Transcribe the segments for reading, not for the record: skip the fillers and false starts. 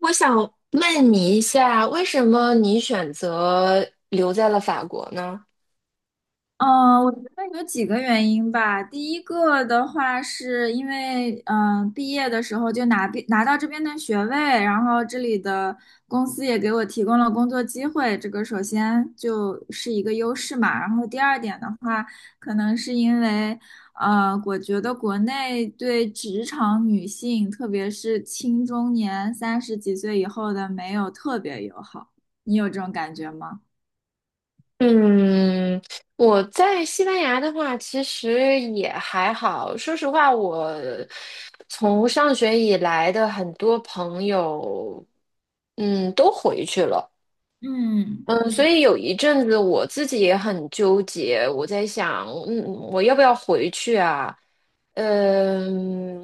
我想问你一下，为什么你选择留在了法国呢？嗯，我觉得有几个原因吧。第一个的话，是因为毕业的时候就拿到这边的学位，然后这里的公司也给我提供了工作机会，这个首先就是一个优势嘛。然后第二点的话，可能是因为我觉得国内对职场女性，特别是青中年30几岁以后的，没有特别友好。你有这种感觉吗？嗯，我在西班牙的话，其实也还好。说实话，我从上学以来的很多朋友，都回去了。嗯。嗯，所以有一阵子我自己也很纠结，我在想，我要不要回去啊？嗯，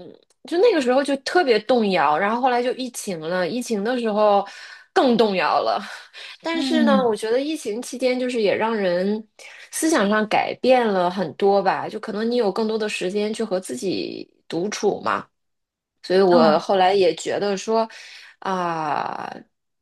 就那个时候就特别动摇，然后后来就疫情了，疫情的时候更动摇了。但是呢，我嗯，觉得疫情期间就是也让人思想上改变了很多吧，就可能你有更多的时间去和自己独处嘛。所以我嗯，后来也觉得说，啊、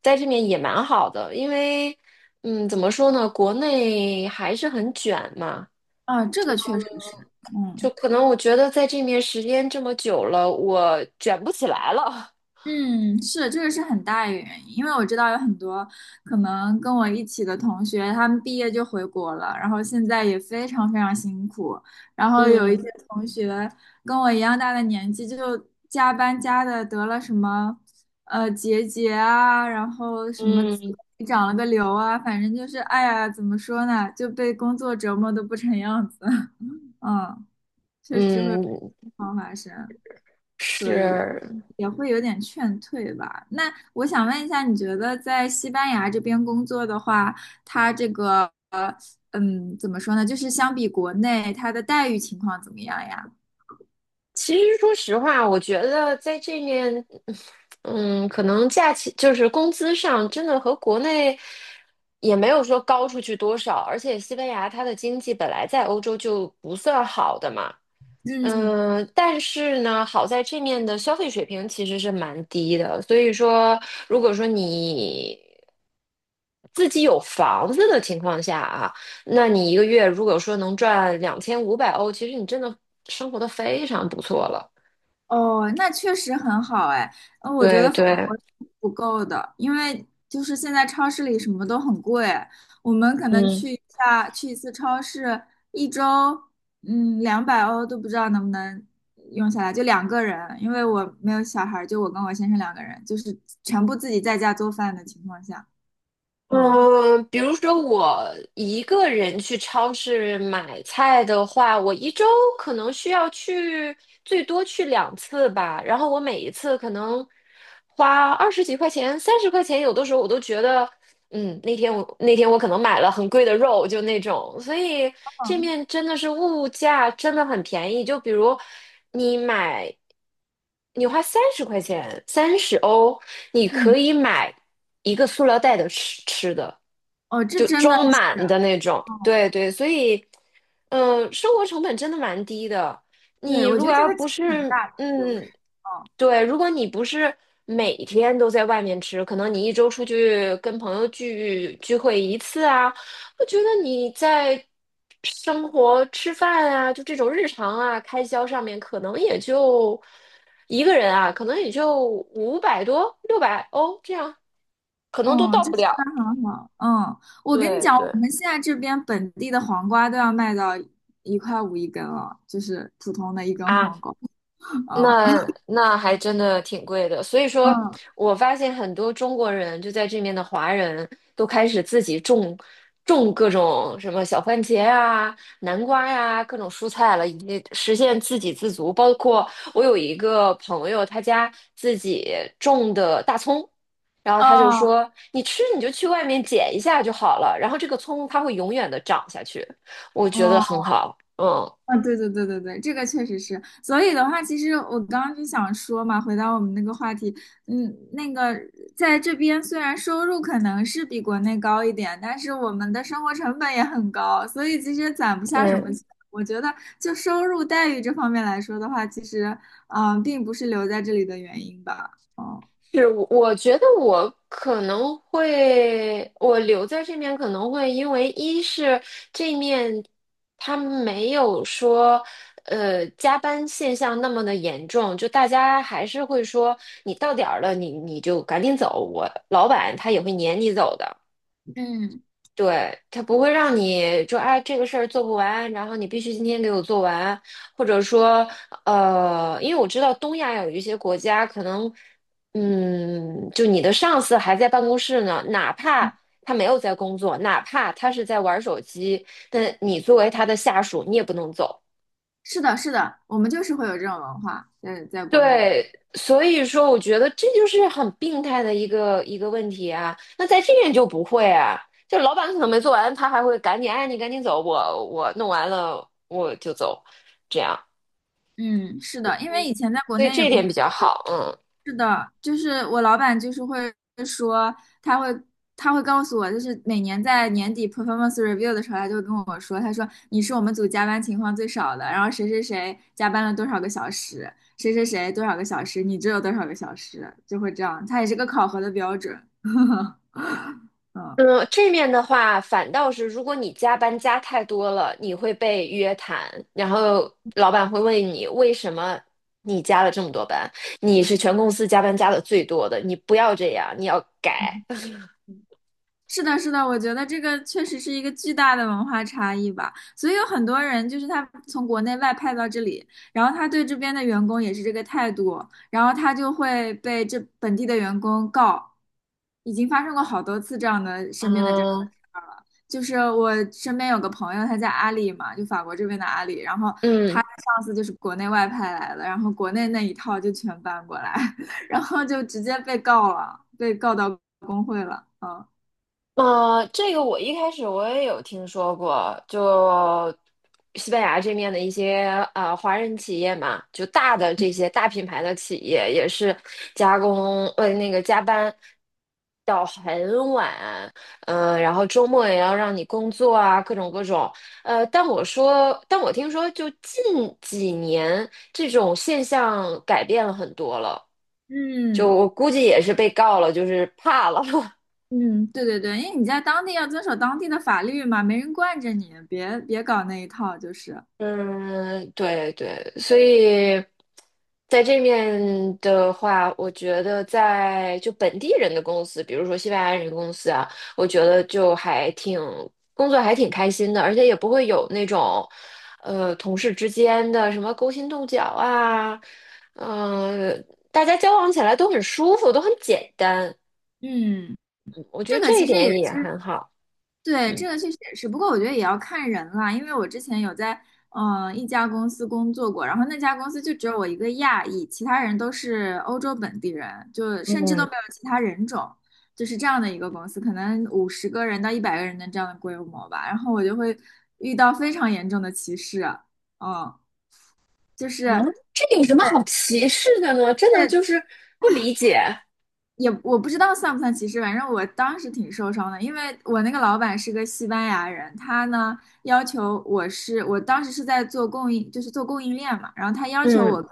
在这边也蛮好的，因为，怎么说呢，国内还是很卷嘛，啊，这个确实是。就嗯。可能我觉得在这面时间这么久了，我卷不起来了。嗯，是这个是很大一个原因，因为我知道有很多可能跟我一起的同学，他们毕业就回国了，然后现在也非常非常辛苦，然 后有一些嗯同学跟我一样大的年纪，就加班加的得了什么结节啊，然后什么嗯长了个瘤啊，反正就是哎呀，怎么说呢，就被工作折磨的不成样子。嗯，确实会有这种嗯，情况发生，所以是。也会有点劝退吧。那我想问一下，你觉得在西班牙这边工作的话，它这个怎么说呢？就是相比国内，它的待遇情况怎么样呀？其实说实话，我觉得在这面。可能假期就是工资上真的和国内也没有说高出去多少，而且西班牙它的经济本来在欧洲就不算好的嘛，嗯。但是呢，好在这面的消费水平其实是蛮低的，所以说如果说你自己有房子的情况下啊，那你一个月如果说能赚2500欧，其实你真的生活的非常不错了。哦，那确实很好哎，我觉对得法对，国是不够的，因为就是现在超市里什么都很贵，我们可能嗯。去一次超市，一周200欧都不知道能不能用下来，就两个人，因为我没有小孩儿就我跟我先生两个人，就是全部自己在家做饭的情况下。嗯。嗯，比如说我一个人去超市买菜的话，我一周可能需要去最多去两次吧，然后我每一次可能花20几块钱、三十块钱，有的时候我都觉得那天我可能买了很贵的肉，就那种，所以这嗯。面真的是物价真的很便宜。就比如你买，你花三十块钱，30欧，你可嗯。以买一个塑料袋的吃吃的，哦，这就真的装是。满的那种。哦。对对，所以，生活成本真的蛮低的。你对，我如觉果得这要个其不实很是，大的优势。哦。嗯。对，如果你不是每天都在外面吃，可能你一周出去跟朋友聚会一次啊，我觉得你在生活吃饭啊，就这种日常啊开销上面，可能也就一个人啊，可能也就500多、600欧这样，可能都哦，到这不西瓜了。很好。嗯，我跟你对讲，对。我们现在这边本地的黄瓜都要卖到1块5一根了，就是普通的一根啊。黄瓜。嗯。那还真的挺贵的，所以说嗯。我发现很多中国人就在这面的华人都开始自己种各种什么小番茄啊、南瓜呀、各种蔬菜了，以及实现自给自足。包括我有一个朋友，他家自己种的大葱，然后他就哦。说：“你吃你就去外面捡一下就好了，然后这个葱它会永远的长下去。”我觉得很哦。好，嗯。啊，对对对对对，这个确实是。所以的话，其实我刚刚就想说嘛，回到我们那个话题，嗯，那个在这边虽然收入可能是比国内高一点，但是我们的生活成本也很高，所以其实攒不下什么钱。我觉得就收入待遇这方面来说的话，其实并不是留在这里的原因吧。哦。是，我觉得我可能会，我留在这面可能会因为一是这面他没有说，加班现象那么的严重，就大家还是会说你到点儿了，你就赶紧走，我老板他也会撵你走的。嗯，对，他不会让你说，哎这个事儿做不完，然后你必须今天给我做完，或者说因为我知道东亚有一些国家可能，就你的上司还在办公室呢，哪怕他没有在工作，哪怕他是在玩手机，但你作为他的下属，你也不能走。是的，是的，我们就是会有这种文化在国内。对，所以说我觉得这就是很病态的一个问题啊。那在这边就不会啊，就老板可能没做完，他还会赶紧，哎，你赶紧走，我弄完了我就走，这样，嗯，是的，因为以前在国所以内也这一工点比较作好。过。嗯是的，就是我老板就是会说，他会他会告诉我，就是每年在年底 performance review 的时候，他就会跟我说，他说你是我们组加班情况最少的，然后谁谁谁加班了多少个小时，谁谁谁多少个小时，你只有多少个小时，就会这样，他也是个考核的标准。嗯，嗯，这面的话，反倒是如果你加班加太多了，你会被约谈，然后老板会问你为什么你加了这么多班，你是全公司加班加的最多的，你不要这样，你要改。是的，是的，我觉得这个确实是一个巨大的文化差异吧，所以有很多人就是他从国内外派到这里，然后他对这边的员工也是这个态度，然后他就会被这本地的员工告，已经发生过好多次这样的身边的这样的嗯，事儿了。就是我身边有个朋友，他在阿里嘛，就法国这边的阿里，然后他嗯。的上司就是国内外派来的，然后国内那一套就全搬过来。然后就直接被告了，被告到工会了。嗯。这个我一开始我也有听说过，就西班牙这面的一些华人企业嘛，就大的这些大品牌的企业也是加工呃那个加班到很晚，然后周末也要让你工作啊，各种各种。但我听说就近几年这种现象改变了很多了，就嗯。我估计也是被告了，就是怕了。嗯，对对对，因为你在当地要遵守当地的法律嘛，没人惯着你，别搞那一套，就是。嗯，对对，所以在这面的话，我觉得在就本地人的公司，比如说西班牙人公司啊，我觉得就还挺工作还挺开心的，而且也不会有那种同事之间的什么勾心斗角啊，嗯，大家交往起来都很舒服，都很简单，嗯，嗯我觉这得个这一其实也点也是。很好。对，嗯。这个确实也是，不过我觉得也要看人啦，因为我之前有在一家公司工作过，然后那家公司就只有我一个亚裔，其他人都是欧洲本地人，就甚至都嗯没有其他人种，就是这样的一个公司，可能50个人到100个人的这样的规模吧，然后我就会遇到非常严重的歧视啊。嗯。就是。嗯，这有什么对，好歧视的呢？真的就但是不理解。也我不知道算不算歧视，反正我当时挺受伤的，因为我那个老板是个西班牙人，他呢要求我是，我当时是在做供应，就是做供应链嘛，然后他要求我嗯跟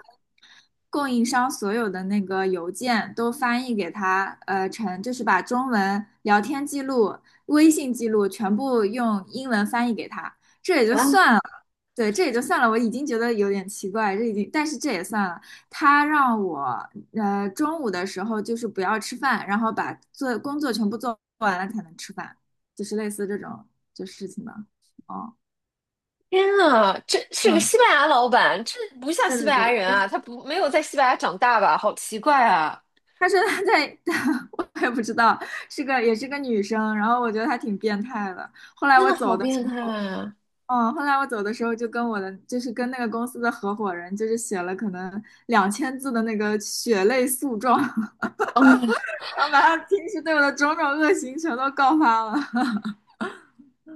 供应商所有的那个邮件都翻译给他，就是把中文聊天记录、微信记录全部用英文翻译给他，这也就啊，算了。对，这也就算了，我已经觉得有点奇怪，这已经，但是这也算了。他让我，中午的时候就是不要吃饭，然后把工作全部做完了才能吃饭，就是类似这种就事情吧。哦。天啊，这是个嗯，西班牙老板，这不像对西对班牙对，人类啊，似他不没有在西班牙长大吧？好奇怪啊，他说他在，我也不知道，也是个女生，然后我觉得她挺变态的。后来真我的好走的时变态候，啊！嗯，后来我走的时候就跟我的就是跟那个公司的合伙人，就是写了可能2000字的那个血泪诉状。嗯，然后把他平时对我的种种恶行全都告发了。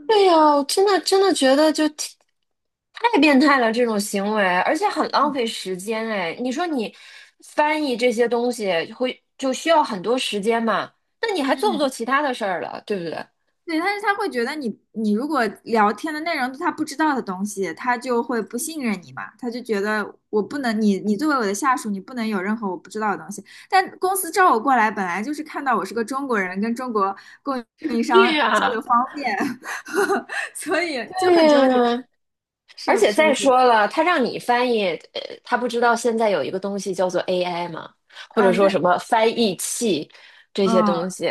对呀，我真的真的觉得就挺太变态了这种行为，而且很浪费 时间哎。你说你翻译这些东西会就需要很多时间嘛？那你还做不做嗯，其他的事儿了，对不对？对，但是他会觉得你如果聊天的内容是他不知道的东西，他就会不信任你嘛，他就觉得我不能，你作为我的下属，你不能有任何我不知道的东西。但公司招我过来，本来就是看到我是个中国人，跟中国供应商对交呀，流方便。所以就对很纠结，呀，是而且是不再是？说了，他让你翻译，他不知道现在有一个东西叫做 AI 吗？或啊，者说什么翻译器这些嗯，东西，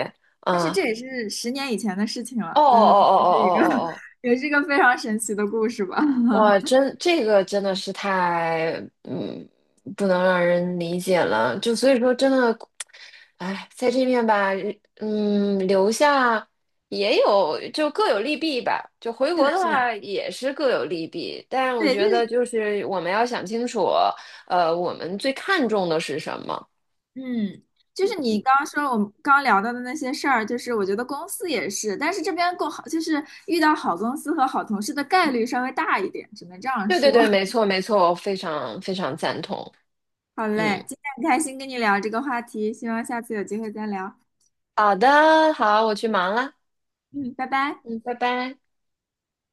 但是啊、这也是10年以前的事情哦哦了。但是 哦 也哦是一个 哦哦哦 也是一个非常神奇的故事吧。哇，真这个真的是太嗯，不能让人理解了。就所以说，真的，哎，在这面吧，留下也有就各有利弊吧。就回是的，国的是的。话也是各有利弊，但我对，就觉得是就是我们要想清楚，我们最看重的是什么？嗯，你刚刚说我们刚刚聊到的那些事儿，就是我觉得公司也是，但是这边够好，就是遇到好公司和好同事的概率稍微大一点，只能这样对对说。对，没 错没错，我非常非常赞同。好嗯，嘞，今天很开心跟你聊这个话题，希望下次有机会再聊。好的，好，我去忙了。嗯，拜拜。嗯，拜拜。